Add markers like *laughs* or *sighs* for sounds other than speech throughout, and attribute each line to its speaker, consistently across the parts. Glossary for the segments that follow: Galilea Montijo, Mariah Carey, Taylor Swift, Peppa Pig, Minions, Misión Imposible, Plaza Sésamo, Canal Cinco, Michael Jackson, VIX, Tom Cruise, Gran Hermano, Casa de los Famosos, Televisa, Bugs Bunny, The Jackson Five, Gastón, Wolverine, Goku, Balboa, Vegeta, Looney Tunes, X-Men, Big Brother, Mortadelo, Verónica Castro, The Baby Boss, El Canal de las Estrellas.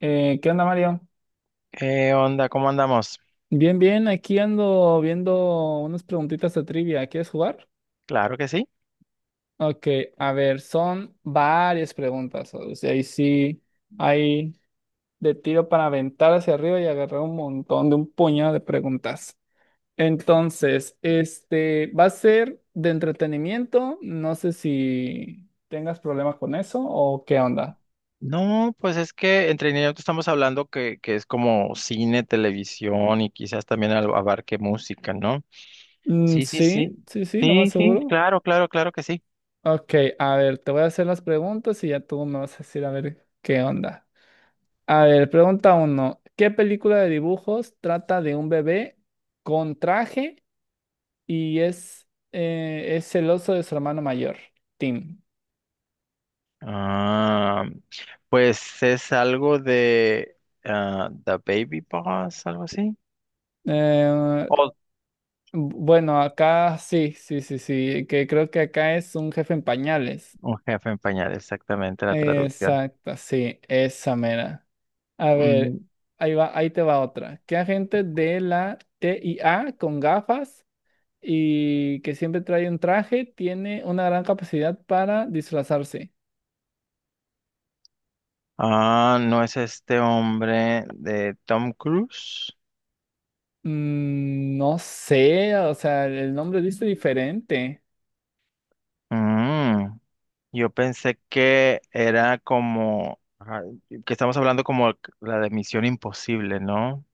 Speaker 1: ¿Qué onda, Mario?
Speaker 2: ¿Qué onda? ¿Cómo andamos?
Speaker 1: Bien, bien, aquí ando viendo unas preguntitas de trivia. ¿Quieres jugar?
Speaker 2: Claro que sí.
Speaker 1: Ok, a ver, son varias preguntas. O sea, ahí sí hay de tiro para aventar hacia arriba y agarrar un montón de un puñado de preguntas. Entonces, este va a ser de entretenimiento. No sé si tengas problemas con eso o qué onda.
Speaker 2: No, pues es que entre entretenimiento estamos hablando que es como cine, televisión y quizás también abarque música, ¿no?
Speaker 1: Mm,
Speaker 2: Sí, sí, sí.
Speaker 1: sí, sí, sí, lo más
Speaker 2: Sí, sí,
Speaker 1: seguro.
Speaker 2: claro, claro, claro que sí.
Speaker 1: Ok, a ver, te voy a hacer las preguntas y ya tú me vas a decir a ver qué onda. A ver, pregunta uno. ¿Qué película de dibujos trata de un bebé con traje y es celoso de su hermano mayor, Tim?
Speaker 2: Ah, pues es algo de ah, The Baby Boss, algo así.
Speaker 1: Eh,
Speaker 2: O
Speaker 1: bueno, acá sí, sí, sí, sí, que creo que acá es un jefe en pañales.
Speaker 2: un jefe en pañal, exactamente la traducción.
Speaker 1: Exacto, sí, esa mera. A
Speaker 2: Mm.
Speaker 1: ver, ahí te va otra. ¿Qué agente de la TIA con gafas y que siempre trae un traje, tiene una gran capacidad para disfrazarse?
Speaker 2: Ah, no es este hombre de Tom Cruise.
Speaker 1: Mm, no sé, o sea, el nombre dice diferente.
Speaker 2: Mm. Yo pensé que era como, ajá, que estamos hablando como la de Misión Imposible, ¿no?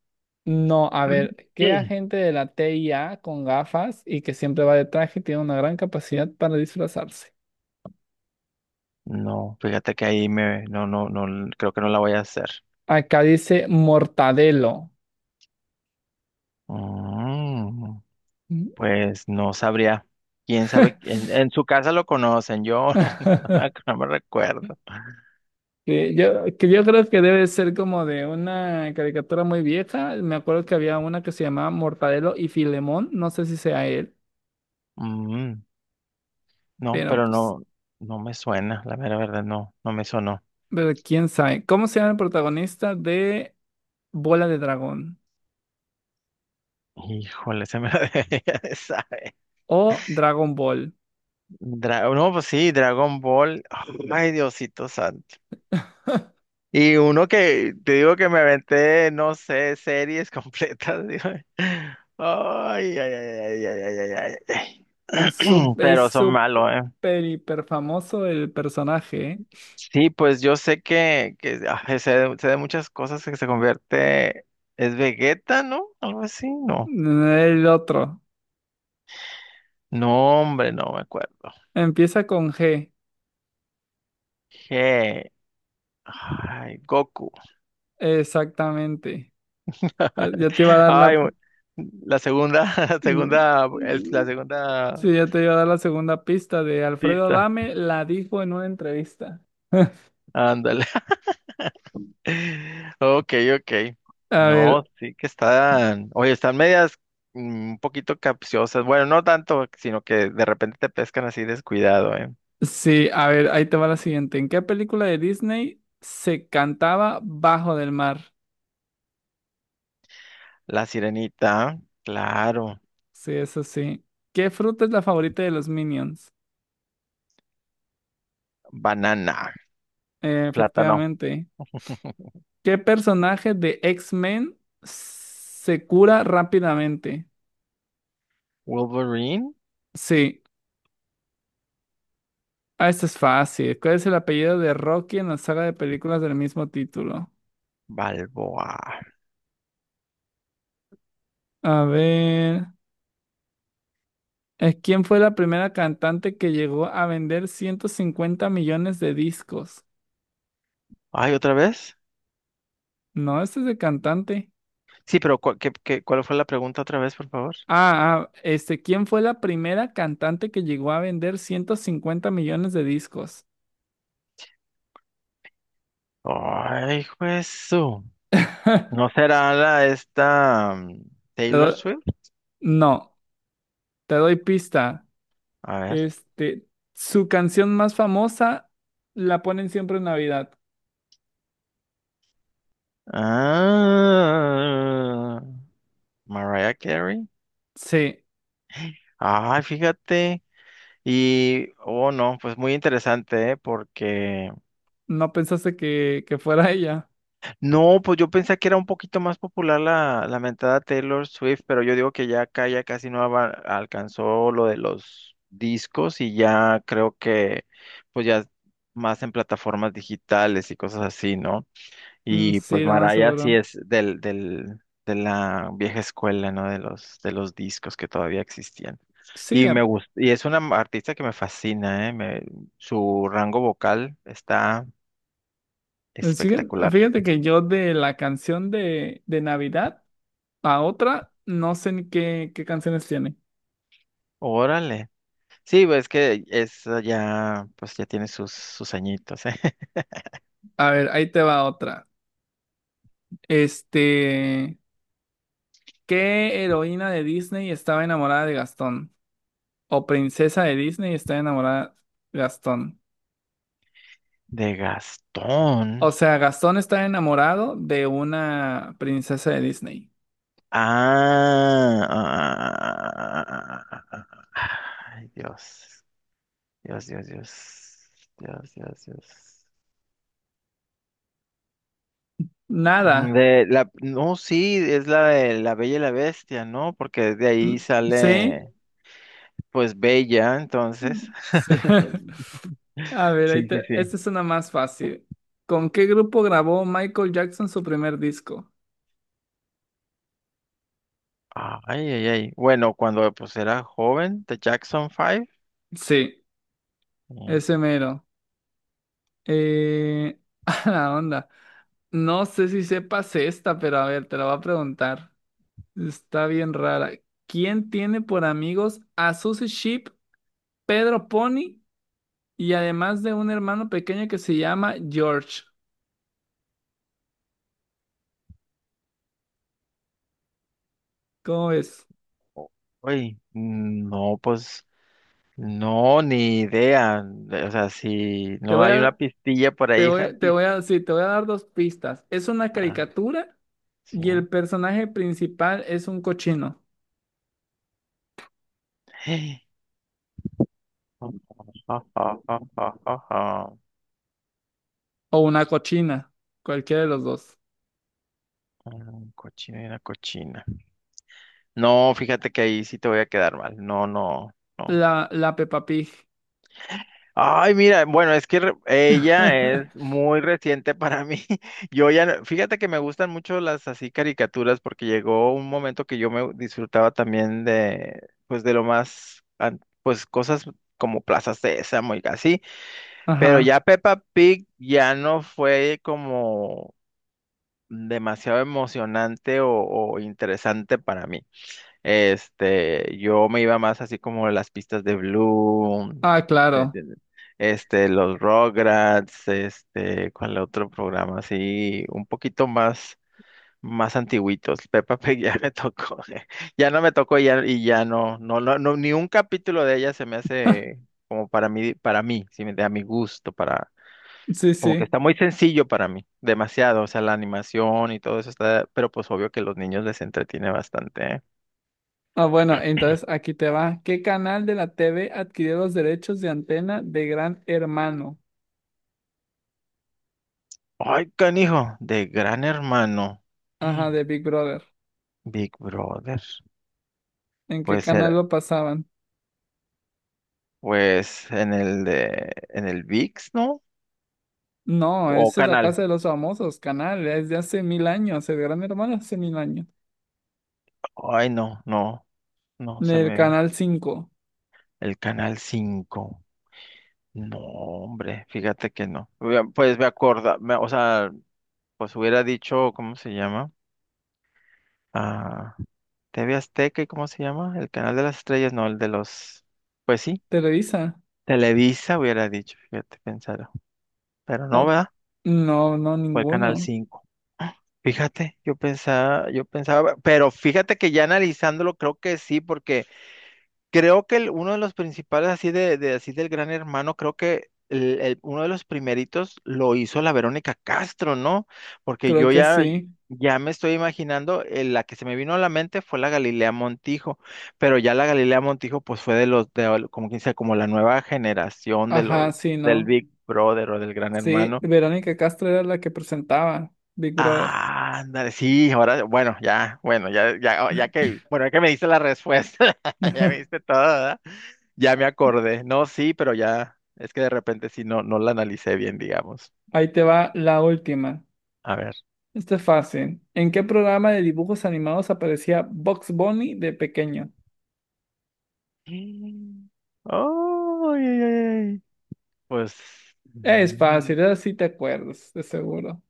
Speaker 1: No, a ver, ¿qué
Speaker 2: Sí.
Speaker 1: agente de la TIA con gafas y que siempre va de traje tiene una gran capacidad para disfrazarse?
Speaker 2: No, fíjate que ahí no, no, no, creo que no la voy a hacer.
Speaker 1: Acá dice Mortadelo.
Speaker 2: Mm,
Speaker 1: Mm.
Speaker 2: pues no sabría. Quién sabe, en su casa lo conocen, yo *laughs*
Speaker 1: *laughs*
Speaker 2: no me recuerdo.
Speaker 1: Que yo creo que debe ser como de una caricatura muy vieja. Me acuerdo que había una que se llamaba Mortadelo y Filemón. No sé si sea él.
Speaker 2: Mm, no,
Speaker 1: Pero
Speaker 2: pero
Speaker 1: pues,
Speaker 2: no, no me suena, la mera verdad, no, no me sonó.
Speaker 1: pero quién sabe. ¿Cómo se llama el protagonista de Bola de Dragón
Speaker 2: Híjole, se me la *laughs* debería de saber.
Speaker 1: o Dragon Ball?
Speaker 2: No, pues sí, Dragon Ball. Ay, Diosito santo. Y uno que te digo que me aventé, no sé, series completas. *laughs* Digo, ay, ay, ay, ay, ay, ay, ay, ay,
Speaker 1: Mm, su-
Speaker 2: ay. *clears throat*
Speaker 1: es
Speaker 2: Pero son malos, ¿eh?
Speaker 1: súper hiper famoso el personaje, ¿eh?
Speaker 2: Sí, pues yo sé que ah, sé de muchas cosas que se convierte. ¿Es Vegeta, no? Algo así, no.
Speaker 1: El otro.
Speaker 2: No, hombre, no me acuerdo.
Speaker 1: Empieza con G.
Speaker 2: Je- Ay, Goku.
Speaker 1: Exactamente. Ya te iba a
Speaker 2: *laughs*
Speaker 1: dar la.
Speaker 2: Ay, la segunda, *laughs* la
Speaker 1: Mm,
Speaker 2: segunda, la
Speaker 1: mm,
Speaker 2: segunda
Speaker 1: sí, ya te iba a dar la segunda pista de Alfredo
Speaker 2: pista.
Speaker 1: Adame. La dijo en una entrevista. *laughs*
Speaker 2: Ándale. *laughs* Ok, ok.
Speaker 1: A
Speaker 2: No,
Speaker 1: ver,
Speaker 2: sí que están, oye, están medias un poquito capciosas. Bueno, no tanto, sino que de repente te pescan así descuidado, ¿eh?
Speaker 1: sí, a ver, ahí te va la siguiente. ¿En qué película de Disney se cantaba Bajo del Mar?
Speaker 2: La sirenita, claro.
Speaker 1: Sí, eso sí. ¿Qué fruta es la favorita de los Minions?
Speaker 2: Banana, plátano.
Speaker 1: Efectivamente.
Speaker 2: *laughs*
Speaker 1: ¿Qué personaje de X-Men se cura rápidamente?
Speaker 2: Wolverine,
Speaker 1: Sí, esto es fácil. ¿Cuál es el apellido de Rocky en la saga de películas del mismo título?
Speaker 2: Balboa.
Speaker 1: A ver, ¿quién fue la primera cantante que llegó a vender 150 millones de discos?
Speaker 2: Ay, ¿otra vez?
Speaker 1: No, este es de cantante.
Speaker 2: Sí, pero ¿cuál, cuál fue la pregunta otra vez, por favor?
Speaker 1: Este, ¿quién fue la primera cantante que llegó a vender 150 millones de discos?
Speaker 2: Ay, eso.
Speaker 1: *laughs*
Speaker 2: ¿No será la esta
Speaker 1: Te
Speaker 2: Taylor
Speaker 1: doy-
Speaker 2: Swift?
Speaker 1: no, te doy pista.
Speaker 2: A ver.
Speaker 1: Este, su canción más famosa la ponen siempre en Navidad.
Speaker 2: Ah, Mariah Carey.
Speaker 1: Sí,
Speaker 2: Ay, fíjate. Y, oh no, pues muy interesante, ¿eh? Porque,
Speaker 1: no pensaste que fuera *laughs* ella.
Speaker 2: no, pues yo pensé que era un poquito más popular la mentada Taylor Swift, pero yo digo que ya acá ya casi no alcanzó lo de los discos y ya creo que, pues ya más en plataformas digitales y cosas así, ¿no?
Speaker 1: Mm,
Speaker 2: Y pues
Speaker 1: sí, lo más
Speaker 2: Maraya sí
Speaker 1: seguro.
Speaker 2: es de la vieja escuela, ¿no? De los discos que todavía existían.
Speaker 1: Sí,
Speaker 2: Y me
Speaker 1: a-
Speaker 2: gusta, y es una artista que me fascina, ¿eh? Su rango vocal está
Speaker 1: sí,
Speaker 2: espectacular.
Speaker 1: fíjate que yo de la canción de Navidad a otra, no sé ni qué, canciones tiene.
Speaker 2: Órale. Sí, pues es que es ya, pues ya tiene sus, sus añitos, ¿eh? *laughs*
Speaker 1: A ver, ahí te va otra. Este. ¿Qué heroína de Disney estaba enamorada de Gastón? ¿O princesa de Disney está enamorada de Gastón?
Speaker 2: De Gastón.
Speaker 1: O sea, Gastón está enamorado de una princesa de Disney.
Speaker 2: Ah, ah, ah, ah, ah, ah, ah, ah. Ay, Dios. Dios, Dios, Dios. Dios, Dios, Dios.
Speaker 1: Nada.
Speaker 2: De la, no, sí, es la de La Bella y la Bestia, ¿no? Porque de ahí
Speaker 1: Mm, ¿sí?
Speaker 2: sale, pues, Bella, entonces.
Speaker 1: Mm, sí. *laughs*
Speaker 2: *laughs*
Speaker 1: A ver,
Speaker 2: Sí, sí, sí.
Speaker 1: esta es una más fácil. ¿Con qué grupo grabó Michael Jackson su primer disco?
Speaker 2: Ay, ay, ay. Bueno, cuando pues era joven, The Jackson Five.
Speaker 1: Sí,
Speaker 2: Eh,
Speaker 1: ese mero. Eh... *laughs* A la onda. No sé si sepas esta, pero a ver, te la voy a preguntar. Está bien rara. ¿Quién tiene por amigos a Susie Sheep, Pedro Pony y además de un hermano pequeño que se llama George? ¿Cómo ves?
Speaker 2: uy, no, pues, no, ni idea. O sea, si
Speaker 1: Te
Speaker 2: no
Speaker 1: voy
Speaker 2: hay una
Speaker 1: a,
Speaker 2: pistilla por ahí, *laughs* una
Speaker 1: te
Speaker 2: pista.
Speaker 1: voy a, sí, te voy a dar dos pistas. Es una
Speaker 2: Ah,
Speaker 1: caricatura
Speaker 2: sí.
Speaker 1: y el personaje principal es un cochino
Speaker 2: *gasps* *laughs* *sighs* Ah, ah, ah, ah, ah, ah.
Speaker 1: o una cochina, cualquiera de los dos.
Speaker 2: Mm, cochina y una cochina. No, fíjate que ahí sí te voy a quedar mal. No, no, no.
Speaker 1: La Peppa Pig.
Speaker 2: Ay, mira, bueno, es que ella es
Speaker 1: *laughs*
Speaker 2: muy reciente para mí. *laughs* Yo ya, fíjate que me gustan mucho las así caricaturas porque llegó un momento que yo me disfrutaba también de, pues de lo más, pues cosas como Plaza Sésamo y así, pero
Speaker 1: Ajá.
Speaker 2: ya Peppa Pig ya no fue como demasiado emocionante o interesante para mí. Este, yo me iba más así como las pistas de Bloom,
Speaker 1: Ah,
Speaker 2: ¿sí me
Speaker 1: claro.
Speaker 2: entiendes? Este, los Rugrats, este, ¿cuál otro programa? Así, más antiguitos. *laughs* Peppa Pig ya me tocó, *laughs* ya no me tocó y ya no, ni un capítulo de ella se me hace como para mí, ¿sí me entiendes? A mi gusto, para,
Speaker 1: Sí,
Speaker 2: como que
Speaker 1: sí.
Speaker 2: está muy sencillo para mí, demasiado, o sea, la animación y todo eso está, pero pues obvio que los niños les entretiene bastante, ¿eh?
Speaker 1: Ah, bueno, entonces aquí te va. ¿Qué canal de la TV adquirió los derechos de antena de Gran Hermano?
Speaker 2: Ay, canijo, de Gran Hermano.
Speaker 1: Ajá, de
Speaker 2: *gasps*
Speaker 1: Big Brother.
Speaker 2: Big Brother.
Speaker 1: ¿En qué
Speaker 2: Puede
Speaker 1: canal
Speaker 2: ser,
Speaker 1: lo pasaban?
Speaker 2: pues, en el VIX, ¿no?
Speaker 1: No,
Speaker 2: O
Speaker 1: esa es la
Speaker 2: Canal.
Speaker 1: Casa de los Famosos, canal, es de hace mil años, el Gran Hermano hace mil años.
Speaker 2: Ay, no, no, no,
Speaker 1: Del Canal 5.
Speaker 2: el Canal Cinco. No, hombre, fíjate que no. Hubiera- pues o sea, pues hubiera dicho, ¿cómo se llama? Ah, TV Azteca y ¿cómo se llama? El Canal de las Estrellas, no, el de los, pues sí,
Speaker 1: Televisa.
Speaker 2: Televisa hubiera dicho, fíjate, pensar. Pero no,
Speaker 1: Oh.
Speaker 2: ¿verdad?
Speaker 1: No, no,
Speaker 2: Fue el Canal
Speaker 1: ninguno.
Speaker 2: Cinco. Fíjate, yo pensaba, pero fíjate que ya analizándolo creo que sí, porque creo que uno de los principales así de así del Gran Hermano, creo que uno de los primeritos lo hizo la Verónica Castro, ¿no? Porque
Speaker 1: Creo
Speaker 2: yo
Speaker 1: que
Speaker 2: ya
Speaker 1: sí.
Speaker 2: ya me estoy imaginando, la que se me vino a la mente fue la Galilea Montijo, pero ya la Galilea Montijo pues fue de los como quien sea, como la nueva generación de
Speaker 1: Ajá,
Speaker 2: los
Speaker 1: sí,
Speaker 2: del
Speaker 1: no.
Speaker 2: Big Brother o del Gran
Speaker 1: Sí,
Speaker 2: Hermano.
Speaker 1: Verónica Castro era la que presentaba Big Brother.
Speaker 2: Ah, ándale, sí, ahora, bueno, ya, bueno, ya, ya, oh, ya que, bueno, ya que me diste la respuesta, *laughs* ya me
Speaker 1: *laughs*
Speaker 2: diste todo, ¿verdad? Ya me acordé. No, sí, pero ya, es que de repente sí, no, no la analicé bien, digamos.
Speaker 1: Ahí te va la última.
Speaker 2: A ver.
Speaker 1: Esto es fácil. ¿En qué programa de dibujos animados aparecía Bugs Bunny de pequeño?
Speaker 2: Mm. Oh, ay, ay, ay. Pues,
Speaker 1: Es
Speaker 2: mm,
Speaker 1: fácil, ahora sí te acuerdas, de seguro.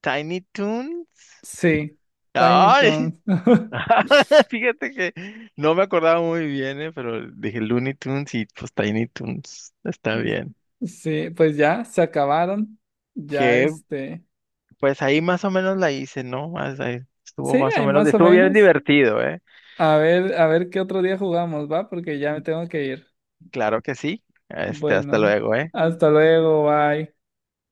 Speaker 2: Tiny Toons.
Speaker 1: Sí, Tiny
Speaker 2: Ay,
Speaker 1: Toons. *laughs*
Speaker 2: *laughs* fíjate que no me acordaba muy bien, pero dije Looney Tunes y pues Tiny Toons, está bien.
Speaker 1: Sí, pues ya, se acabaron. Ya
Speaker 2: Qué
Speaker 1: este.
Speaker 2: pues ahí más o menos la hice, ¿no? Más- ahí estuvo
Speaker 1: Sí,
Speaker 2: más o
Speaker 1: hay
Speaker 2: menos,
Speaker 1: más o
Speaker 2: estuvo bien
Speaker 1: menos.
Speaker 2: divertido, ¿eh?
Speaker 1: A ver qué otro día jugamos, ¿va? Porque ya me tengo que ir.
Speaker 2: Claro que sí. Este, hasta
Speaker 1: Bueno,
Speaker 2: luego, ¿eh?
Speaker 1: hasta luego, bye.